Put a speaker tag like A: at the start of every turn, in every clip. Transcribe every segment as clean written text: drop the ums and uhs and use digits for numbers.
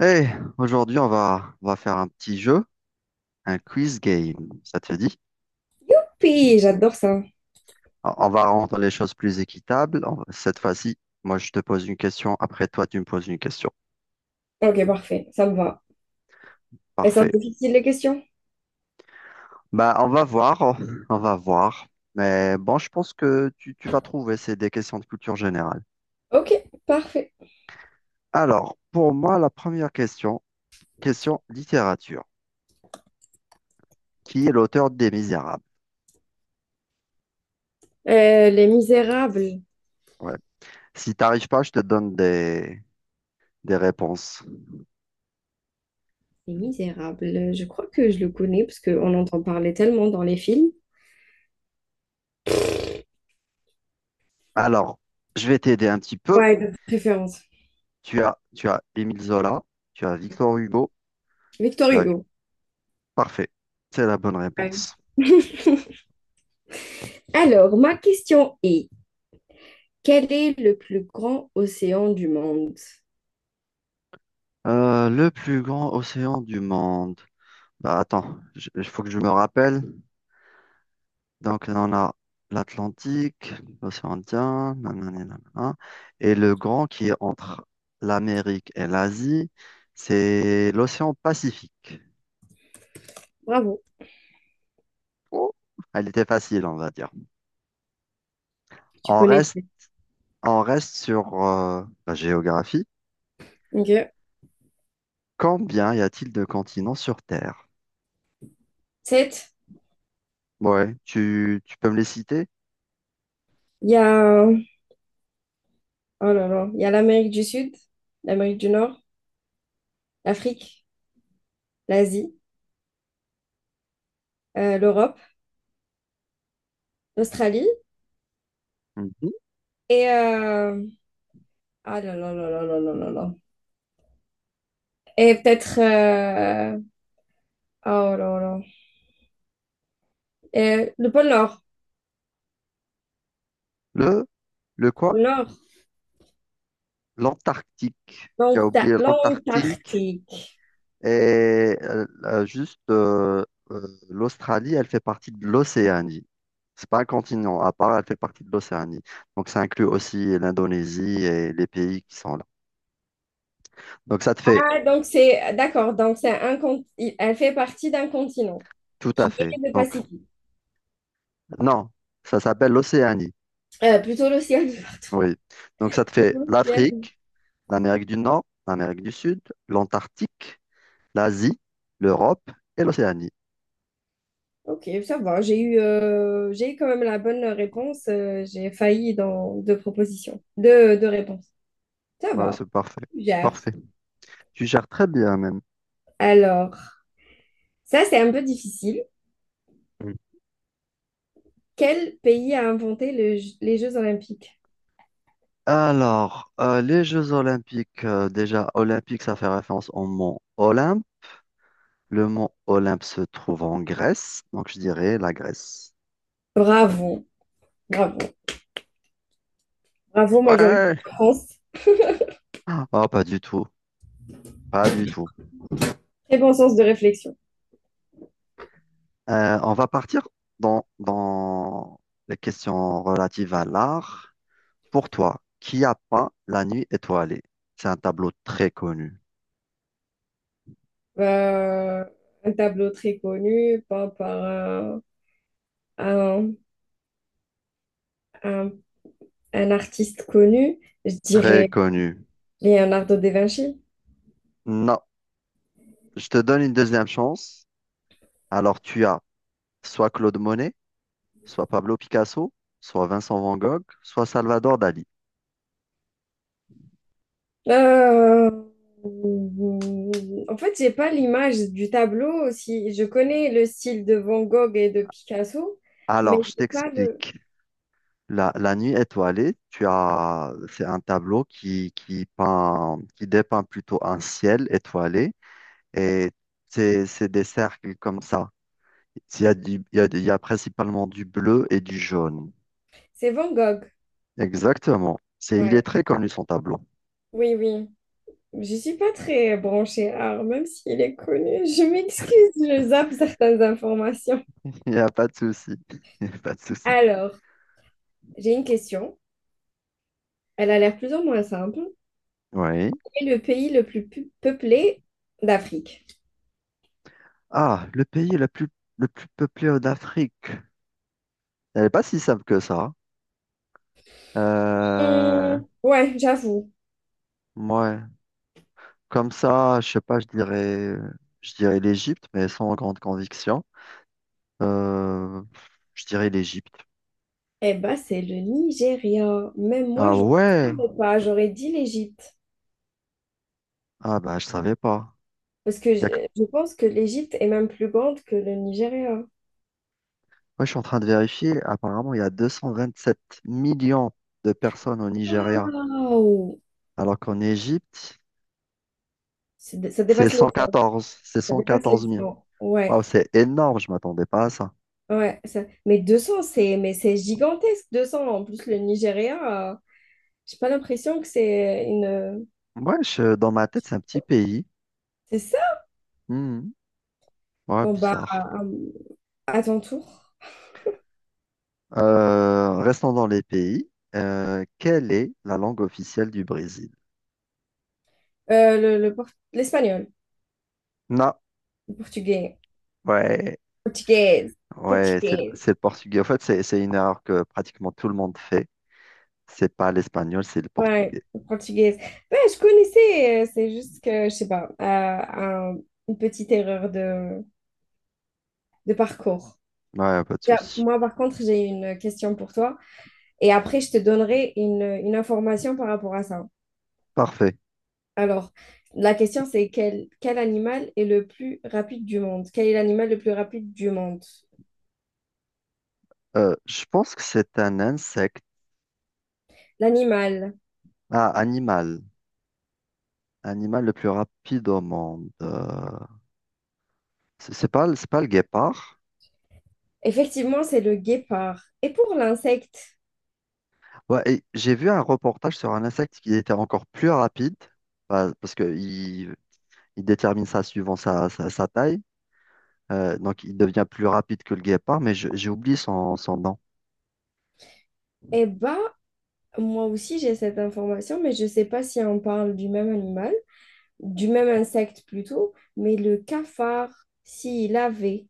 A: Hey, aujourd'hui, on va faire un petit jeu, un quiz game, ça te dit?
B: Oui, j'adore ça.
A: On va rendre les choses plus équitables. Cette fois-ci, moi, je te pose une question, après toi, tu me poses une question.
B: Ok, parfait, ça me va. Elles sont
A: Parfait.
B: difficiles les questions?
A: Bah, on va voir. Mais bon, je pense que tu vas trouver, c'est des questions de culture générale.
B: Ok, parfait.
A: Alors, pour moi, la première question, question littérature. Qui est l'auteur des Misérables?
B: Les Misérables.
A: Ouais. Si t'arrives pas, je te donne des réponses.
B: Les Misérables, je crois que je le connais parce qu'on entend parler tellement dans les films.
A: Alors, je vais t'aider un petit peu.
B: Ouais, de préférence.
A: Tu as Émile Zola, tu as Victor Hugo,
B: Victor
A: tu as...
B: Hugo.
A: Parfait, c'est la bonne
B: Ouais.
A: réponse.
B: Alors, ma question est, quel est le plus grand océan du monde?
A: Le plus grand océan du monde. Bah attends, il faut que je me rappelle. Donc on a l'Atlantique, l'océan Indien, nanani, nanana, et le grand qui est entre l'Amérique et l'Asie, c'est l'océan Pacifique.
B: Bravo,
A: Oh, elle était facile, on va dire.
B: tu
A: On
B: connais.
A: reste, on reste sur la géographie.
B: Ok.
A: Combien y a-t-il de continents sur Terre?
B: 7.
A: Ouais, tu peux me les citer?
B: Il y a... Oh là là. Il y a l'Amérique du Sud, l'Amérique du Nord, l'Afrique, l'Asie, l'Europe, l'Australie.
A: Mhm.
B: Et ah là là là là là là là là. Et peut-être oh là là. Et le pôle Nord.
A: Le, le quoi?
B: Pôle Nord.
A: L'Antarctique. Tu as
B: Donc t'as
A: oublié l'Antarctique
B: l'Antarctique.
A: et juste l'Australie, elle fait partie de l'Océanie. C'est pas un continent à part, elle fait partie de l'Océanie. Donc ça inclut aussi l'Indonésie et les pays qui sont là. Donc ça te fait
B: Ah donc c'est d'accord. Donc c'est un elle fait partie d'un continent
A: tout à
B: qui
A: fait.
B: est le
A: Donc
B: Pacifique.
A: non, ça s'appelle l'Océanie.
B: Plutôt l'océan.
A: Oui. Donc ça te
B: Plutôt
A: fait
B: l'océan.
A: l'Afrique, l'Amérique du Nord, l'Amérique du Sud, l'Antarctique, l'Asie, l'Europe et l'Océanie.
B: Ok, ça va. J'ai eu quand même la bonne réponse. J'ai failli dans deux propositions, deux réponses. Ça
A: Voilà,
B: va.
A: c'est parfait.
B: Je Gère.
A: Parfait. Tu gères très bien même.
B: Alors ça c'est un peu difficile.
A: Mm.
B: Quel pays a inventé les Jeux Olympiques?
A: Alors, les Jeux Olympiques, déjà, Olympique, ça fait référence au mont Olympe. Le mont Olympe se trouve en Grèce, donc je dirais la Grèce.
B: Bravo, bravo, bravo, moi j'aurais
A: Ouais.
B: dit France.
A: Oh, pas du tout, pas du tout.
B: Très bon sens de réflexion.
A: On va partir dans les questions relatives à l'art. Pour toi, qui a peint La Nuit étoilée? C'est un tableau très connu.
B: Euh, un tableau très connu, peint par un- un- un artiste connu, je
A: Ah, très
B: dirais
A: connu.
B: Leonardo da Vinci.
A: Non, je te donne une deuxième chance. Alors tu as soit Claude Monet, soit Pablo Picasso, soit Vincent Van Gogh, soit Salvador Dali.
B: Euh, en fait, j'ai pas l'image du tableau. Si je connais le style de Van Gogh et de Picasso, mais
A: Alors je
B: j'ai pas le.
A: t'explique. La Nuit étoilée, tu as, c'est un tableau qui dépeint plutôt un ciel étoilé et c'est des cercles comme ça. Il y a principalement du bleu et du jaune.
B: C'est Van Gogh.
A: Exactement. C'est, il est
B: Ouais.
A: très connu son tableau.
B: Oui, oui. Je suis pas très branchée art, même s'il est connu. Je m'excuse, je zappe certaines informations.
A: Il n'y a pas de souci. Il n'y a pas de souci.
B: Alors, j'ai une question. Elle a l'air plus ou moins simple.
A: Oui.
B: Quel est le pays le plus peuplé d'Afrique?
A: Ah, le plus peuplé d'Afrique. Elle n'est pas si simple que ça. Euh,
B: Ouais, j'avoue.
A: ouais. Comme ça, je sais pas, je dirais l'Égypte, mais sans grande conviction. Euh, je dirais l'Égypte.
B: Eh ben, c'est le Nigeria. Même moi,
A: Ah
B: je ne
A: ouais.
B: savais pas. J'aurais dit l'Égypte.
A: Ah bah, je savais pas.
B: Parce que
A: Il y a que-
B: je pense que l'Égypte est même plus grande que le Nigeria.
A: Moi, je suis en train de vérifier. Apparemment, il y a 227 millions de personnes au Nigeria.
B: Waouh!
A: Alors qu'en Égypte,
B: Ça dépasse les
A: C'est
B: 100.
A: 114, c'est
B: Ça dépasse les
A: 114 millions.
B: 100.
A: Wow,
B: Ouais,
A: c'est énorme, je m'attendais pas à ça.
B: ouais. Mais 200, c'est mais c'est gigantesque, 200. En plus, le Nigeria, j'ai pas l'impression que c'est une...
A: Dans ma tête, c'est un petit pays.
B: C'est ça?
A: Hmm, ouais,
B: Bon,
A: bizarre.
B: à ton tour.
A: Restons dans les pays. Quelle est la langue officielle du Brésil?
B: Euh, le, le port- L'espagnol.
A: Non,
B: Le portugais.
A: ouais,
B: Portugaise.
A: ouais,
B: Portugaise.
A: c'est le portugais. En fait, c'est une erreur que pratiquement tout le monde fait. C'est pas l'espagnol, c'est le
B: Ouais,
A: portugais.
B: portugaise. Ouais, je connaissais, c'est juste que, je sais pas, une petite erreur de parcours.
A: Ouais, pas de
B: Tiens,
A: souci.
B: moi, par contre, j'ai une question pour toi et après, je te donnerai une information par rapport à ça.
A: Parfait.
B: Alors, la question, c'est quel animal est le plus rapide du monde? Quel est l'animal le plus rapide du monde?
A: Je pense que c'est un insecte.
B: L'animal,
A: Ah, animal. Animal le plus rapide au monde. C'est pas le guépard.
B: effectivement, c'est le guépard. Et pour l'insecte,
A: Ouais, et j'ai vu un reportage sur un insecte qui était encore plus rapide parce il détermine ça suivant sa taille. Donc il devient plus rapide que le guépard, mais j'ai oublié son nom.
B: eh ben, moi aussi, j'ai cette information, mais je sais pas si on parle du même animal. Du même insecte plutôt, mais le cafard, s'il avait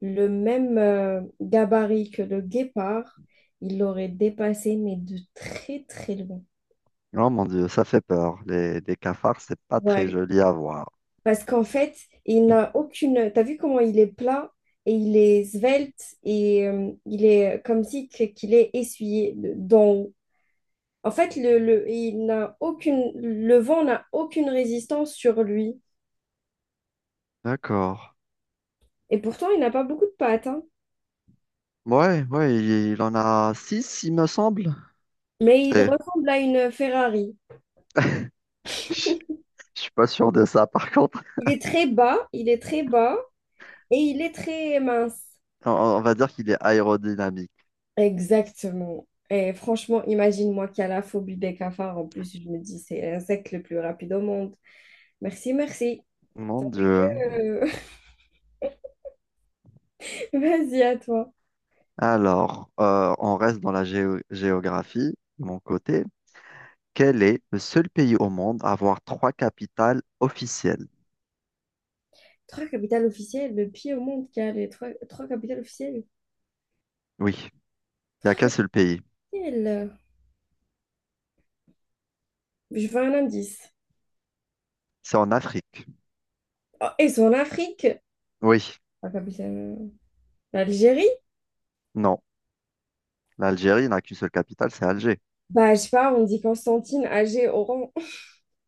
B: le même gabarit que le guépard, il l'aurait dépassé, mais de très très loin.
A: Oh mon Dieu, ça fait peur. Les cafards, c'est pas très
B: Ouais.
A: joli à voir.
B: Parce qu'en fait, il n'a aucune... T'as vu comment il est plat et il est svelte et il est comme si qu'il est essuyé d'en haut. En fait, il n'a aucune... Le vent n'a aucune résistance sur lui.
A: D'accord.
B: Et pourtant, il n'a pas beaucoup de pattes, hein.
A: Il en a six, il me semble.
B: Mais il
A: C'est-
B: ressemble à une Ferrari.
A: Je je suis pas sûr de ça, par contre.
B: Il est très bas, il est très bas et il est très mince.
A: On va dire qu'il est aérodynamique.
B: Exactement. Et franchement, imagine-moi qui a la phobie des cafards. En plus, je me dis, c'est l'insecte le plus rapide au monde. Merci, merci.
A: Mon Dieu.
B: Euh, vas-y, à toi.
A: Alors, on reste dans la géographie, de mon côté. Quel est le seul pays au monde à avoir trois capitales officielles?
B: Trois capitales officielles, le pays au monde qui a les trois capitales officielles.
A: Oui, il n'y a
B: Trois
A: qu'un seul pays.
B: capitales. Je veux un indice.
A: C'est en Afrique.
B: Oh, et c'est en Afrique.
A: Oui,
B: La capitale. L'Algérie?
A: non. L'Algérie n'a qu'une seule capitale, c'est Alger.
B: Bah, je sais pas, on dit Constantine, Alger, Oran.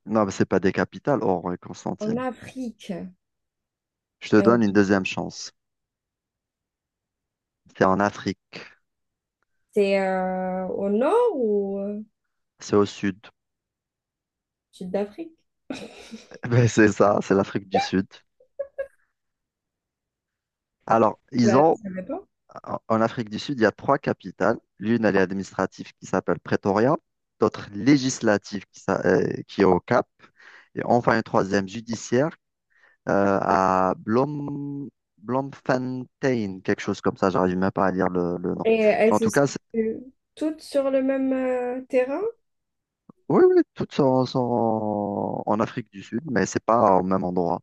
A: Non, mais c'est pas des capitales, Oran et
B: En
A: Constantine.
B: Afrique.
A: Je te
B: Euh,
A: donne une deuxième chance. C'est en Afrique.
B: C'est au nord ou
A: C'est au sud.
B: sud d'Afrique?
A: Ben, c'est ça, c'est l'Afrique du Sud. Alors, ils
B: Bah,
A: ont.
B: ça dépend.
A: En Afrique du Sud, il y a trois capitales. L'une, elle est administrative qui s'appelle Pretoria, d'autres législative qui est au Cap, et enfin une troisième judiciaire à Bloemfontein, quelque chose comme ça. J'arrive même pas à lire le nom.
B: Et
A: Mais
B: elles
A: en
B: se
A: tout cas, c'est-
B: situent toutes sur le même terrain?
A: Oui, oui, sont en Afrique du Sud, mais c'est pas au même endroit.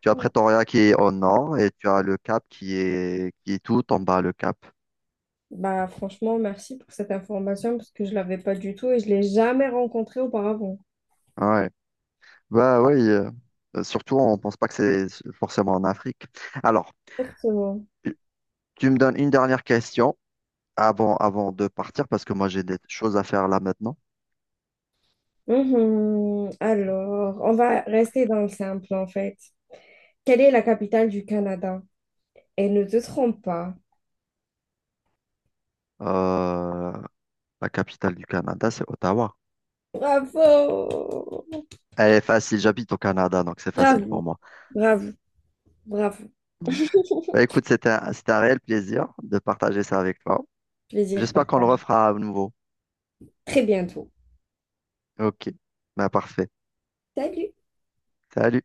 A: Tu as Pretoria qui est au nord et tu as le Cap qui est tout en bas, le Cap.
B: Bah, franchement, merci pour cette information parce que je l'avais pas du tout et je l'ai jamais rencontrée auparavant.
A: Ouais. Bah oui, surtout on pense pas que c'est forcément en Afrique. Alors,
B: Exactement.
A: tu tu me donnes une dernière question avant de partir parce que moi j'ai des choses à faire là maintenant.
B: Mhm. Alors, on va rester dans le simple en fait. Quelle est la capitale du Canada? Et ne te trompe pas.
A: Euh, la capitale du Canada, c'est Ottawa.
B: Bravo!
A: Elle est facile, j'habite au Canada, donc c'est facile pour
B: Bravo,
A: moi.
B: bravo, bravo.
A: Bah écoute, c'était un réel plaisir de partager ça avec toi.
B: Plaisir
A: J'espère qu'on le
B: partagé.
A: refera à nouveau.
B: Très bientôt.
A: Ok, bah parfait.
B: Salut!
A: Salut.